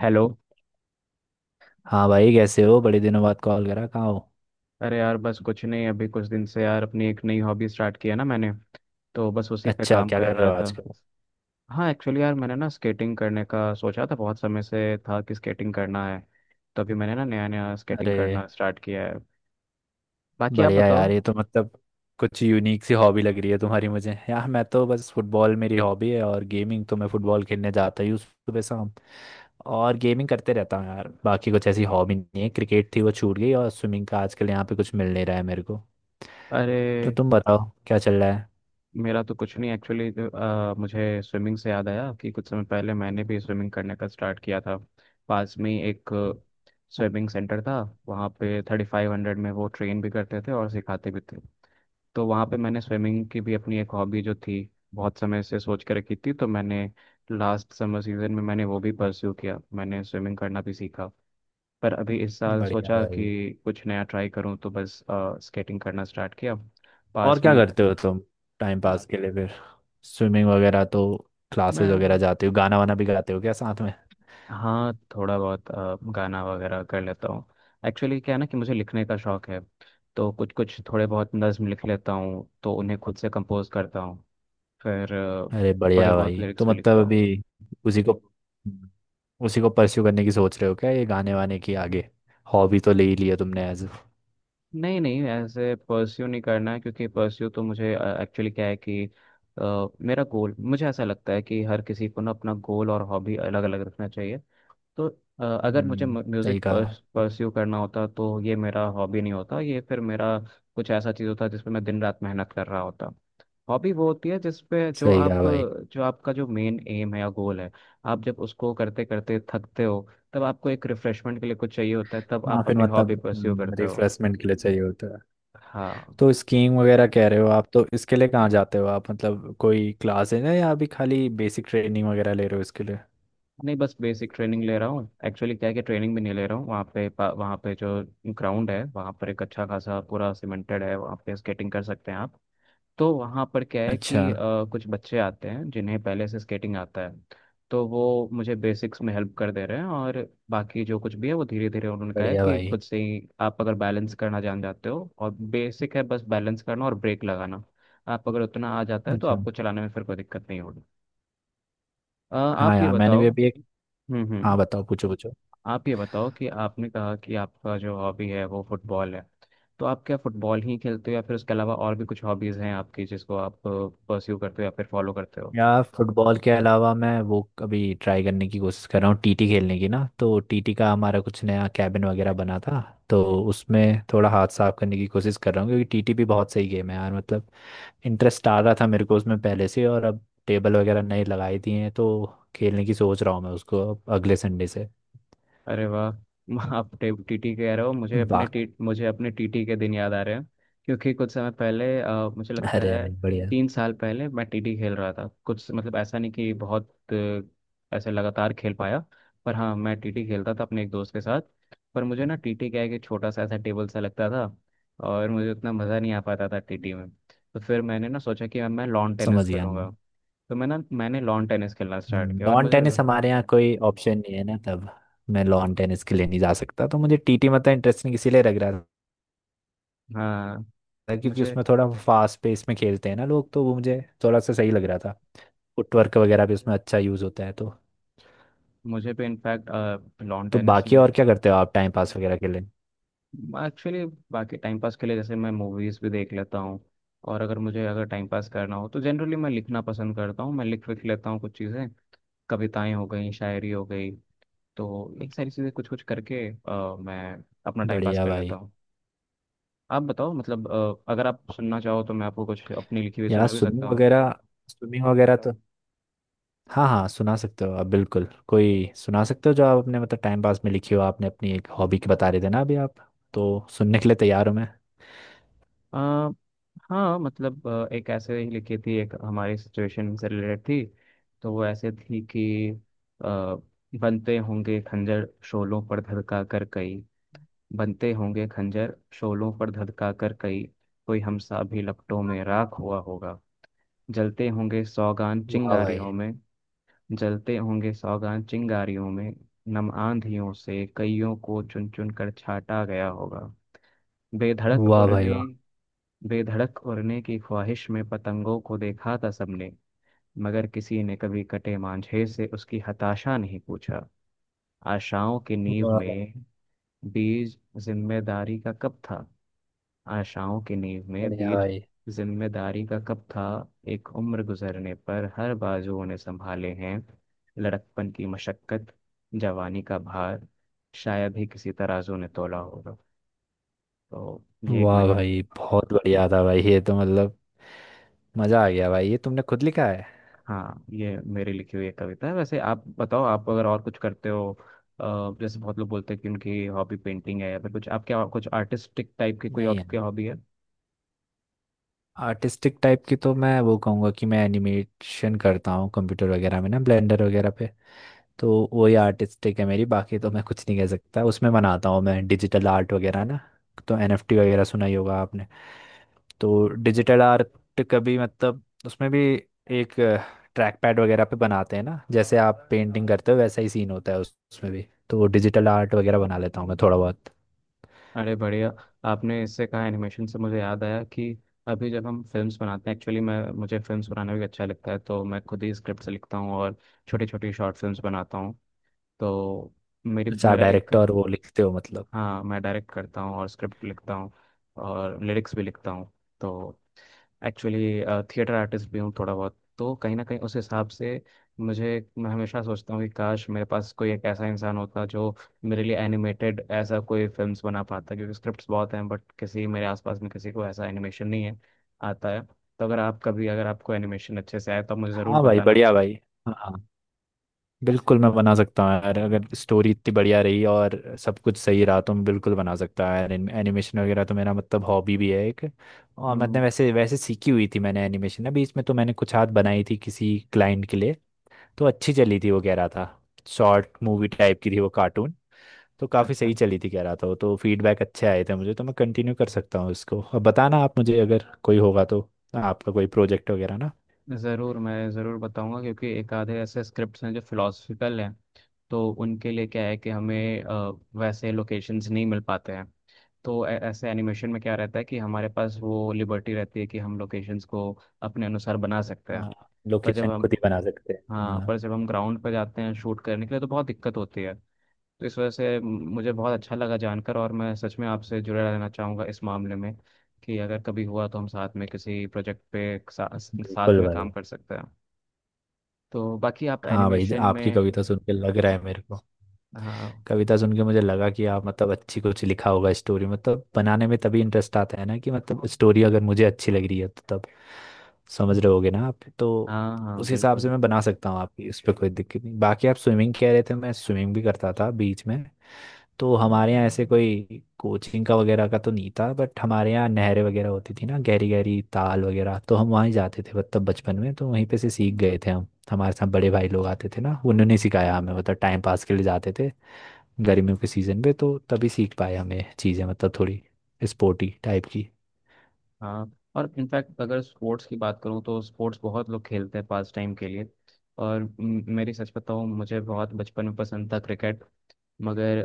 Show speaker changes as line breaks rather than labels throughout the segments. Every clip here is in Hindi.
हेलो।
हाँ भाई, कैसे हो? बड़े दिनों बाद कॉल करा, कहाँ हो?
अरे यार, बस कुछ नहीं। अभी कुछ दिन से यार अपनी एक नई हॉबी स्टार्ट किया ना मैंने, तो बस उसी पे
अच्छा,
काम
क्या
कर
कर रहे
रहा
हो
था।
आजकल?
हाँ एक्चुअली यार, मैंने ना स्केटिंग करने का सोचा था। बहुत समय से था कि स्केटिंग करना है, तो अभी मैंने ना नया नया स्केटिंग करना
अरे
स्टार्ट किया है। बाकी आप
बढ़िया
बताओ।
यार, ये तो मतलब कुछ यूनिक सी हॉबी लग रही है तुम्हारी मुझे। यार मैं तो बस फुटबॉल मेरी हॉबी है और गेमिंग। तो मैं फुटबॉल खेलने जाता ही हूँ सुबह शाम, और गेमिंग करते रहता हूँ यार। बाकी कुछ ऐसी हॉबी नहीं है, क्रिकेट थी वो छूट गई, और स्विमिंग का आजकल यहाँ पे कुछ मिल नहीं रहा है मेरे को।
अरे,
तो तुम बताओ, क्या चल रहा है?
मेरा तो कुछ नहीं एक्चुअली। मुझे स्विमिंग से याद आया कि कुछ समय पहले मैंने भी स्विमिंग करने का स्टार्ट किया था। पास में ही एक स्विमिंग सेंटर था, वहाँ पे 3500 में वो ट्रेन भी करते थे और सिखाते भी थे। तो वहाँ पे मैंने स्विमिंग की भी, अपनी एक हॉबी जो थी बहुत समय से सोच के रखी थी, तो मैंने लास्ट समर सीजन में मैंने वो भी परस्यू किया, मैंने स्विमिंग करना भी सीखा। पर अभी इस साल
बढ़िया
सोचा
भाई।
कि कुछ नया ट्राई करूँ, तो बस स्केटिंग करना स्टार्ट किया
और
पास
क्या
में।
करते हो तुम टाइम पास के लिए फिर? स्विमिंग वगैरह तो, क्लासेस वगैरह
मैं,
जाते हो? गाना वाना भी गाते हो क्या साथ में?
हाँ थोड़ा बहुत गाना वगैरह कर लेता हूँ। एक्चुअली क्या है ना कि मुझे लिखने का शौक है, तो कुछ कुछ थोड़े बहुत नज्म लिख लेता हूँ, तो उन्हें खुद से कंपोज करता हूँ। फिर अ,
अरे
थोड़े
बढ़िया
बहुत
भाई, तो
लिरिक्स भी
मतलब
लिखता हूँ।
अभी उसी को उसी को परस्यू करने की सोच रहे हो क्या, ये गाने वाने की आगे? हॉबी तो ले ही लिया तुमने एज।
नहीं नहीं, ऐसे परस्यू नहीं करना है, क्योंकि परस्यू तो मुझे, एक्चुअली क्या है कि मेरा गोल, मुझे ऐसा लगता है कि हर किसी को ना अपना गोल और हॉबी अलग अलग रखना चाहिए। तो अगर मुझे
सही
म्यूज़िक
कहा।
परस्यू करना होता तो ये मेरा हॉबी नहीं होता, ये फिर मेरा कुछ ऐसा चीज़ होता जिस पे मैं दिन रात मेहनत कर रहा होता। हॉबी वो होती है जिसपे, जो
सही
आप,
कहा भाई।
जो आपका जो मेन एम है या गोल है, आप जब उसको करते करते थकते हो, तब आपको एक रिफ्रेशमेंट के लिए कुछ चाहिए होता है, तब
हाँ,
आप
फिर
अपनी हॉबी परस्यू
मतलब
करते हो।
रिफ्रेशमेंट के लिए चाहिए होता है।
हाँ,
तो स्कीइंग वगैरह कह रहे हो आप, तो इसके लिए कहाँ जाते हो आप? मतलब कोई क्लास है ना, या अभी खाली बेसिक ट्रेनिंग वगैरह ले रहे हो इसके लिए?
नहीं बस बेसिक ट्रेनिंग ले रहा हूँ। एक्चुअली क्या है कि ट्रेनिंग भी नहीं ले रहा हूँ। वहाँ पे वहाँ पे जो ग्राउंड है, वहाँ पर एक अच्छा खासा पूरा सीमेंटेड है, वहाँ पे स्केटिंग कर सकते हैं आप। तो वहाँ पर क्या है
अच्छा।
कि कुछ बच्चे आते हैं जिन्हें पहले से स्केटिंग आता है, तो वो मुझे बेसिक्स में हेल्प कर दे रहे हैं। और बाकी जो कुछ भी है वो धीरे धीरे, उन्होंने कहा है
बढ़िया
कि
भाई।
खुद से ही आप अगर बैलेंस करना जान जाते हो, और बेसिक है बस बैलेंस करना और ब्रेक लगाना, आप अगर उतना आ जाता है तो
अच्छा।
आपको चलाने में फिर कोई दिक्कत नहीं होगी।
हाँ
आप ये
यार, मैंने
बताओ।
भी अभी एक।
हम्म।
हाँ बताओ, पूछो पूछो।
आप ये बताओ कि आपने कहा कि आपका जो हॉबी है वो फुटबॉल है, तो आप क्या फुटबॉल ही खेलते हो या फिर उसके अलावा और भी कुछ हॉबीज़ हैं आपकी, जिसको आप परस्यू करते हो या फिर फॉलो करते हो?
यार फुटबॉल के अलावा मैं वो अभी ट्राई करने की कोशिश कर रहा हूँ टीटी खेलने की ना, तो टीटी का हमारा कुछ नया कैबिन वगैरह बना था। तो उसमें थोड़ा हाथ साफ करने की कोशिश कर रहा हूँ, क्योंकि टीटी भी बहुत सही गेम है यार मतलब। इंटरेस्ट आ रहा था मेरे को उसमें पहले से, और अब टेबल वगैरह नई लगाई दी हैं, तो खेलने की सोच रहा हूँ मैं उसको अब अगले संडे से।
अरे वाह! आप टीटी कह रहे हो, मुझे अपने
वाह।
टीटी के दिन याद आ रहे हैं। क्योंकि कुछ समय पहले, मुझे लगता
अरे
है
भाई बढ़िया।
तीन साल पहले मैं टीटी खेल रहा था। कुछ मतलब ऐसा नहीं कि बहुत ऐसे लगातार खेल पाया, पर हाँ मैं टीटी खेलता था अपने एक दोस्त के साथ। पर मुझे ना टीटी क्या है कि छोटा सा ऐसा टेबल सा लगता था, और मुझे उतना मज़ा नहीं आ पाता था टीटी में, तो फिर मैंने ना सोचा कि अब मैं लॉन टेनिस
समझ गया।
खेलूंगा। तो मैंने लॉन टेनिस खेलना स्टार्ट किया। और
लॉन
मुझे
टेनिस हमारे यहाँ कोई ऑप्शन नहीं है ना तब, मैं लॉन टेनिस के लिए नहीं जा सकता, तो मुझे टीटी मतलब इंटरेस्टिंग इसीलिए लग रहा
हाँ
था, क्योंकि
मुझे
उसमें थोड़ा फास्ट पेस में खेलते हैं ना लोग, तो वो मुझे थोड़ा सा सही लग रहा था। फुटवर्क वगैरह भी उसमें अच्छा यूज़ होता है तो।
मुझे भी इनफैक्ट लॉन
तो
टेनिस
बाकी
में।
और क्या करते हो आप टाइम पास वगैरह के लिए?
एक्चुअली बाकी टाइम पास के लिए जैसे मैं मूवीज़ भी देख लेता हूँ। और अगर मुझे, अगर टाइम पास करना हो तो जनरली मैं लिखना पसंद करता हूँ। मैं लिख लिख लेता हूँ कुछ चीज़ें, कविताएं हो गई, शायरी हो गई। तो एक सारी चीज़ें, कुछ कुछ करके मैं अपना टाइम पास
बढ़िया
कर लेता
भाई।
हूँ। आप बताओ। मतलब अगर आप सुनना चाहो तो मैं आपको कुछ अपनी लिखी हुई
यहाँ
सुना भी सकता हूँ।
स्विमिंग वगैरह तो, हाँ हाँ सुना सकते हो आप बिल्कुल, कोई सुना सकते हो जो आप अपने मतलब टाइम पास में लिखी हो आपने। अपनी एक हॉबी की बता रहे थे ना अभी आप, तो सुनने के लिए तैयार हूँ मैं।
अ, हाँ मतलब एक ऐसे ही लिखी थी, एक हमारी सिचुएशन से रिलेटेड थी। तो वो ऐसे थी कि अ, बनते होंगे खंजर शोलों पर धधका कर कई, बनते होंगे खंजर शोलों पर धधका कर कई, कोई हमसा भी लपटों में राख हुआ होगा। जलते होंगे सौगान
वाह भाई।
चिंगारियों में, जलते होंगे सौगान चिंगारियों में, नम आंधियों से कईयों को चुन चुन कर छाटा गया होगा। बेधड़क
वाह भाई
उड़ने
वाह।
बेधड़क उड़ने की ख्वाहिश में पतंगों को देखा था सबने, मगर किसी ने कभी कटे मांझे से उसकी हताशा नहीं पूछा। आशाओं की नींव
वाह भाई,
में बीज जिम्मेदारी का कब था आशाओं की नींव में
बढ़िया
बीज
भाई।
जिम्मेदारी का कब था। एक उम्र गुजरने पर हर बाजुओं ने संभाले हैं, लड़कपन की मशक्कत, जवानी का भार, शायद ही किसी तराजू ने तोला होगा। तो ये एक
वाह
मेरे,
भाई बहुत बढ़िया था भाई, ये तो मतलब मजा आ गया भाई। ये तुमने खुद लिखा है?
हाँ ये मेरी लिखी हुई एक कविता है। वैसे आप बताओ, आप अगर और कुछ करते हो, जैसे बहुत लोग बोलते हैं कि उनकी हॉबी पेंटिंग है या फिर कुछ, आप क्या कुछ आर्टिस्टिक टाइप की कोई
नहीं यार,
आपकी हॉबी है?
आर्टिस्टिक टाइप की तो मैं वो कहूँगा कि मैं एनिमेशन करता हूँ कंप्यूटर वगैरह में ना, ब्लेंडर वगैरह पे, तो वही आर्टिस्टिक है मेरी। बाकी तो मैं कुछ नहीं कह सकता, उसमें बनाता हूँ मैं डिजिटल आर्ट वगैरह ना, तो एनएफटी वगैरह सुना ही होगा आपने। तो डिजिटल आर्ट कभी मतलब उसमें भी एक ट्रैक पैड वगैरह पे बनाते हैं ना, जैसे आप पेंटिंग करते हो वैसा ही सीन होता है उसमें भी। तो डिजिटल आर्ट वगैरह बना लेता हूँ मैं थोड़ा बहुत।
अरे बढ़िया! आपने इससे कहा, एनिमेशन से मुझे याद आया कि अभी जब हम फिल्म्स बनाते हैं, एक्चुअली मैं, मुझे फिल्म्स बनाना भी अच्छा लगता है, तो मैं खुद ही स्क्रिप्ट लिखता हूँ और छोटी छोटी शॉर्ट फिल्म्स बनाता हूँ। तो मेरी
अच्छा, आप
मेरा एक,
डायरेक्टर वो लिखते हो मतलब।
हाँ मैं डायरेक्ट करता हूँ और स्क्रिप्ट लिखता हूँ और लिरिक्स भी लिखता हूँ। तो एक्चुअली थिएटर आर्टिस्ट भी हूँ थोड़ा बहुत, तो कहीं ना कहीं उस हिसाब से मुझे, मैं हमेशा सोचता हूँ कि काश मेरे पास कोई एक ऐसा इंसान होता जो मेरे लिए एनिमेटेड ऐसा कोई फिल्म्स बना पाता, क्योंकि स्क्रिप्ट्स बहुत हैं, बट किसी मेरे आसपास में किसी को ऐसा एनिमेशन नहीं है आता है। तो अगर आप कभी, अगर आपको एनिमेशन अच्छे से आए तो आप मुझे ज़रूर
हाँ भाई,
बताना।
बढ़िया भाई। हाँ बिल्कुल, मैं बना सकता हूँ यार, अगर स्टोरी इतनी बढ़िया रही और सब कुछ सही रहा तो मैं बिल्कुल बना सकता हूँ यार। एनिमेशन वगैरह तो मेरा मतलब हॉबी भी है एक, और
हम्म,
मतलब वैसे वैसे सीखी हुई थी मैंने एनिमेशन। अभी इसमें तो मैंने कुछ हाथ बनाई थी किसी क्लाइंट के लिए, तो अच्छी चली थी वो कह रहा था। शॉर्ट मूवी टाइप की थी वो, कार्टून, तो काफ़ी
अच्छा।
सही चली थी कह रहा था वो, तो फीडबैक अच्छे आए थे मुझे, तो मैं कंटिन्यू कर सकता हूँ इसको अब। बताना आप मुझे अगर कोई होगा तो, आपका कोई प्रोजेक्ट वगैरह ना।
ज़रूर मैं ज़रूर बताऊंगा, क्योंकि एक आधे ऐसे स्क्रिप्ट्स हैं जो फिलोसफिकल हैं। तो उनके लिए क्या है कि हमें वैसे लोकेशंस नहीं मिल पाते हैं। तो ऐसे एनिमेशन में क्या रहता है कि हमारे पास वो लिबर्टी रहती है कि हम लोकेशंस को अपने अनुसार बना सकते हैं।
हाँ,
पर जब
लोकेशन खुद
हम
ही बना सकते हैं,
हाँ
हाँ।
पर जब हम ग्राउंड पर जाते हैं शूट करने के लिए तो बहुत दिक्कत होती है। तो इस वजह से मुझे बहुत अच्छा लगा जानकर, और मैं सच में आपसे जुड़े रहना चाहूँगा इस मामले में कि अगर कभी हुआ तो हम साथ में किसी प्रोजेक्ट पे साथ
बिल्कुल
में
भाई।
काम कर सकते हैं। तो बाकी आप
हाँ भाई,
एनिमेशन
आपकी
में,
कविता सुन के लग रहा है मेरे को।
हाँ
कविता सुन के मुझे लगा कि आप मतलब अच्छी कुछ लिखा होगा, स्टोरी मतलब बनाने में तभी इंटरेस्ट आता है ना, कि मतलब स्टोरी अगर मुझे अच्छी लग रही है तो तब समझ रहे होगे ना आप तो।
हाँ, हाँ
उस हिसाब से
बिल्कुल।
मैं बना सकता हूँ आपकी, उस पर कोई दिक्कत नहीं। बाकी आप स्विमिंग कह रहे थे, मैं स्विमिंग भी करता था बीच में। तो हमारे यहाँ ऐसे कोई कोचिंग का वगैरह का तो नहीं था, बट हमारे यहाँ नहरें वगैरह होती थी ना, गहरी गहरी ताल वगैरह, तो हम वहीं जाते थे मतलब बचपन में, तो वहीं पे से सीख गए थे हम। हमारे साथ बड़े भाई लोग आते थे ना, उन्होंने सिखाया हमें मतलब, टाइम पास के लिए जाते थे गर्मियों के सीज़न पे, तो तभी सीख पाए हमें चीज़ें मतलब थोड़ी स्पोर्टी टाइप की।
हाँ, और इनफैक्ट अगर स्पोर्ट्स की बात करूँ तो स्पोर्ट्स बहुत लोग खेलते हैं पास टाइम के लिए। और मेरी सच बताऊँ, मुझे बहुत बचपन में पसंद था क्रिकेट। मगर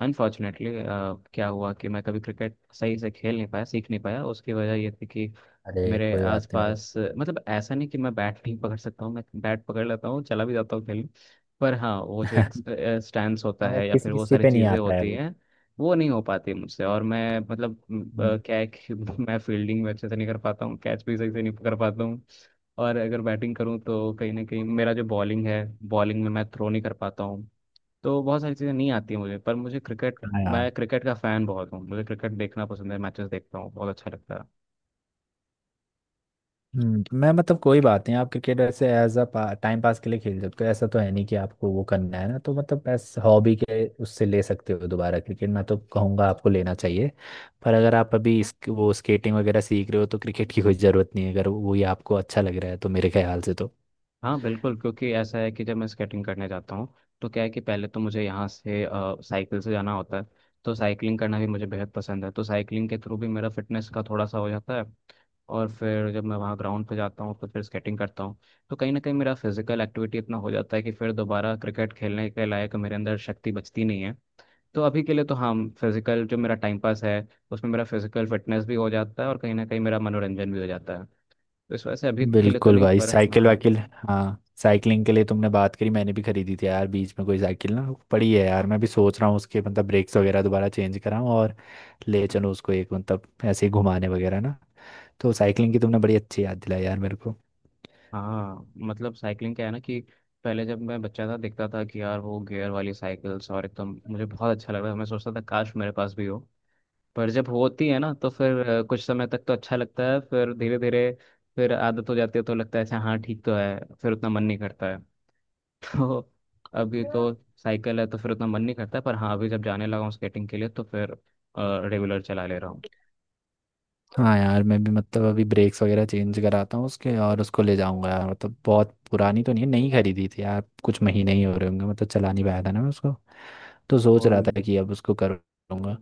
अनफॉर्चुनेटली क्या हुआ कि मैं कभी क्रिकेट सही से खेल नहीं पाया, सीख नहीं पाया। उसकी वजह ये थी कि
अरे
मेरे
कोई बात नहीं भाई।
आसपास, मतलब ऐसा नहीं कि मैं बैट नहीं पकड़ सकता हूँ, मैं बैट पकड़ लेता हूँ, चला भी जाता हूँ खेलने, पर हाँ वो जो एक स्टैंड होता
हाँ वो
है या
किसी
फिर वो
किसी
सारी
पे नहीं
चीज़ें
आता है
होती
वो।
हैं, वो नहीं हो पाती मुझसे। और मैं, मतलब
हम्म।
क्या है कि मैं फील्डिंग में अच्छे से नहीं कर पाता हूँ, कैच भी सही से नहीं पकड़ पाता हूँ। और अगर बैटिंग करूँ तो कहीं ना कहीं मेरा जो बॉलिंग है, बॉलिंग में मैं थ्रो नहीं कर पाता हूँ। तो बहुत सारी चीज़ें नहीं आती हैं मुझे, पर मुझे क्रिकेट,
हाँ यार।
मैं क्रिकेट का फ़ैन बहुत हूँ, मुझे क्रिकेट देखना पसंद है, मैचेस देखता हूँ, बहुत अच्छा लगता है।
तो मैं मतलब कोई बात नहीं, आप क्रिकेट ऐसे एज अ टाइम पास के लिए खेल सकते हो, ऐसा तो है नहीं कि आपको वो करना है ना, तो मतलब ऐसे हॉबी के उससे ले सकते हो दोबारा क्रिकेट, मैं तो कहूँगा आपको लेना चाहिए। पर अगर आप अभी वो स्केटिंग वगैरह सीख रहे हो, तो क्रिकेट की कोई ज़रूरत नहीं है, अगर वो ही आपको अच्छा लग रहा है तो मेरे ख्याल से तो।
हाँ बिल्कुल, क्योंकि ऐसा है कि जब मैं स्केटिंग करने जाता हूँ तो क्या है कि पहले तो मुझे यहाँ से साइकिल से जाना होता है, तो साइकिलिंग करना भी मुझे बेहद पसंद है, तो साइकिलिंग के थ्रू भी मेरा फिटनेस का थोड़ा सा हो जाता है। और फिर जब मैं वहाँ ग्राउंड पे जाता हूँ तो फिर स्केटिंग करता हूँ। तो कहीं ना कहीं मेरा फिजिकल एक्टिविटी इतना हो जाता है कि फिर दोबारा क्रिकेट खेलने के लायक मेरे अंदर शक्ति बचती नहीं है। तो अभी के लिए तो हाँ, फिजिकल जो मेरा टाइम पास है, उसमें मेरा फिजिकल फिटनेस भी हो जाता है और कहीं ना कहीं मेरा मनोरंजन भी हो जाता है। तो इस वजह से अभी के लिए तो
बिल्कुल
नहीं,
भाई।
पर
साइकिल
हाँ।
वाइकिल, हाँ, साइकिलिंग के लिए तुमने बात करी, मैंने भी खरीदी थी यार बीच में कोई साइकिल ना, पड़ी है यार, मैं भी सोच रहा हूँ उसके मतलब ब्रेक्स वगैरह दोबारा चेंज कराऊँ, और ले चलूँ उसको एक, मतलब ऐसे ही घुमाने वगैरह ना। तो साइकिलिंग की तुमने बड़ी अच्छी याद दिलाई यार मेरे को।
हाँ मतलब साइकिलिंग क्या है ना कि पहले जब मैं बच्चा था देखता था कि यार वो गियर वाली साइकिल्स, और एकदम मुझे बहुत अच्छा लग रहा है, मैं सोचता था काश मेरे पास भी हो। पर जब होती है ना तो फिर कुछ समय तक तो अच्छा लगता है, फिर धीरे धीरे, फिर आदत हो जाती है, तो लगता है अच्छा हाँ ठीक तो है, फिर उतना मन नहीं करता है। तो अभी तो साइकिल है, तो फिर उतना मन नहीं करता, पर हाँ अभी जब जाने लगा हूँ स्केटिंग के लिए, तो फिर रेगुलर चला ले रहा हूँ।
हाँ यार, मैं भी मतलब अभी ब्रेक्स वगैरह चेंज कराता हूँ उसके, और उसको ले जाऊंगा यार। मतलब बहुत पुरानी तो नहीं है, नई खरीदी थी यार, कुछ महीने ही हो रहे होंगे, मतलब चला नहीं पाया था ना मैं उसको, तो सोच रहा
और
था कि अब उसको करूँगा।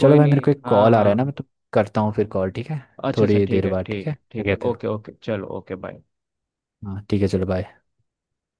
चलो भाई, मेरे
नहीं,
को एक
हाँ
कॉल आ रहा है ना, मैं
हाँ।
तो करता हूँ फिर कॉल, ठीक है?
अच्छा अच्छा,
थोड़ी
ठीक
देर
है,
बाद, ठीक है,
ठीक
क्या
ठीक है,
कहते हो?
ओके ओके, चलो ओके, बाय।
हाँ ठीक है, चलो बाय।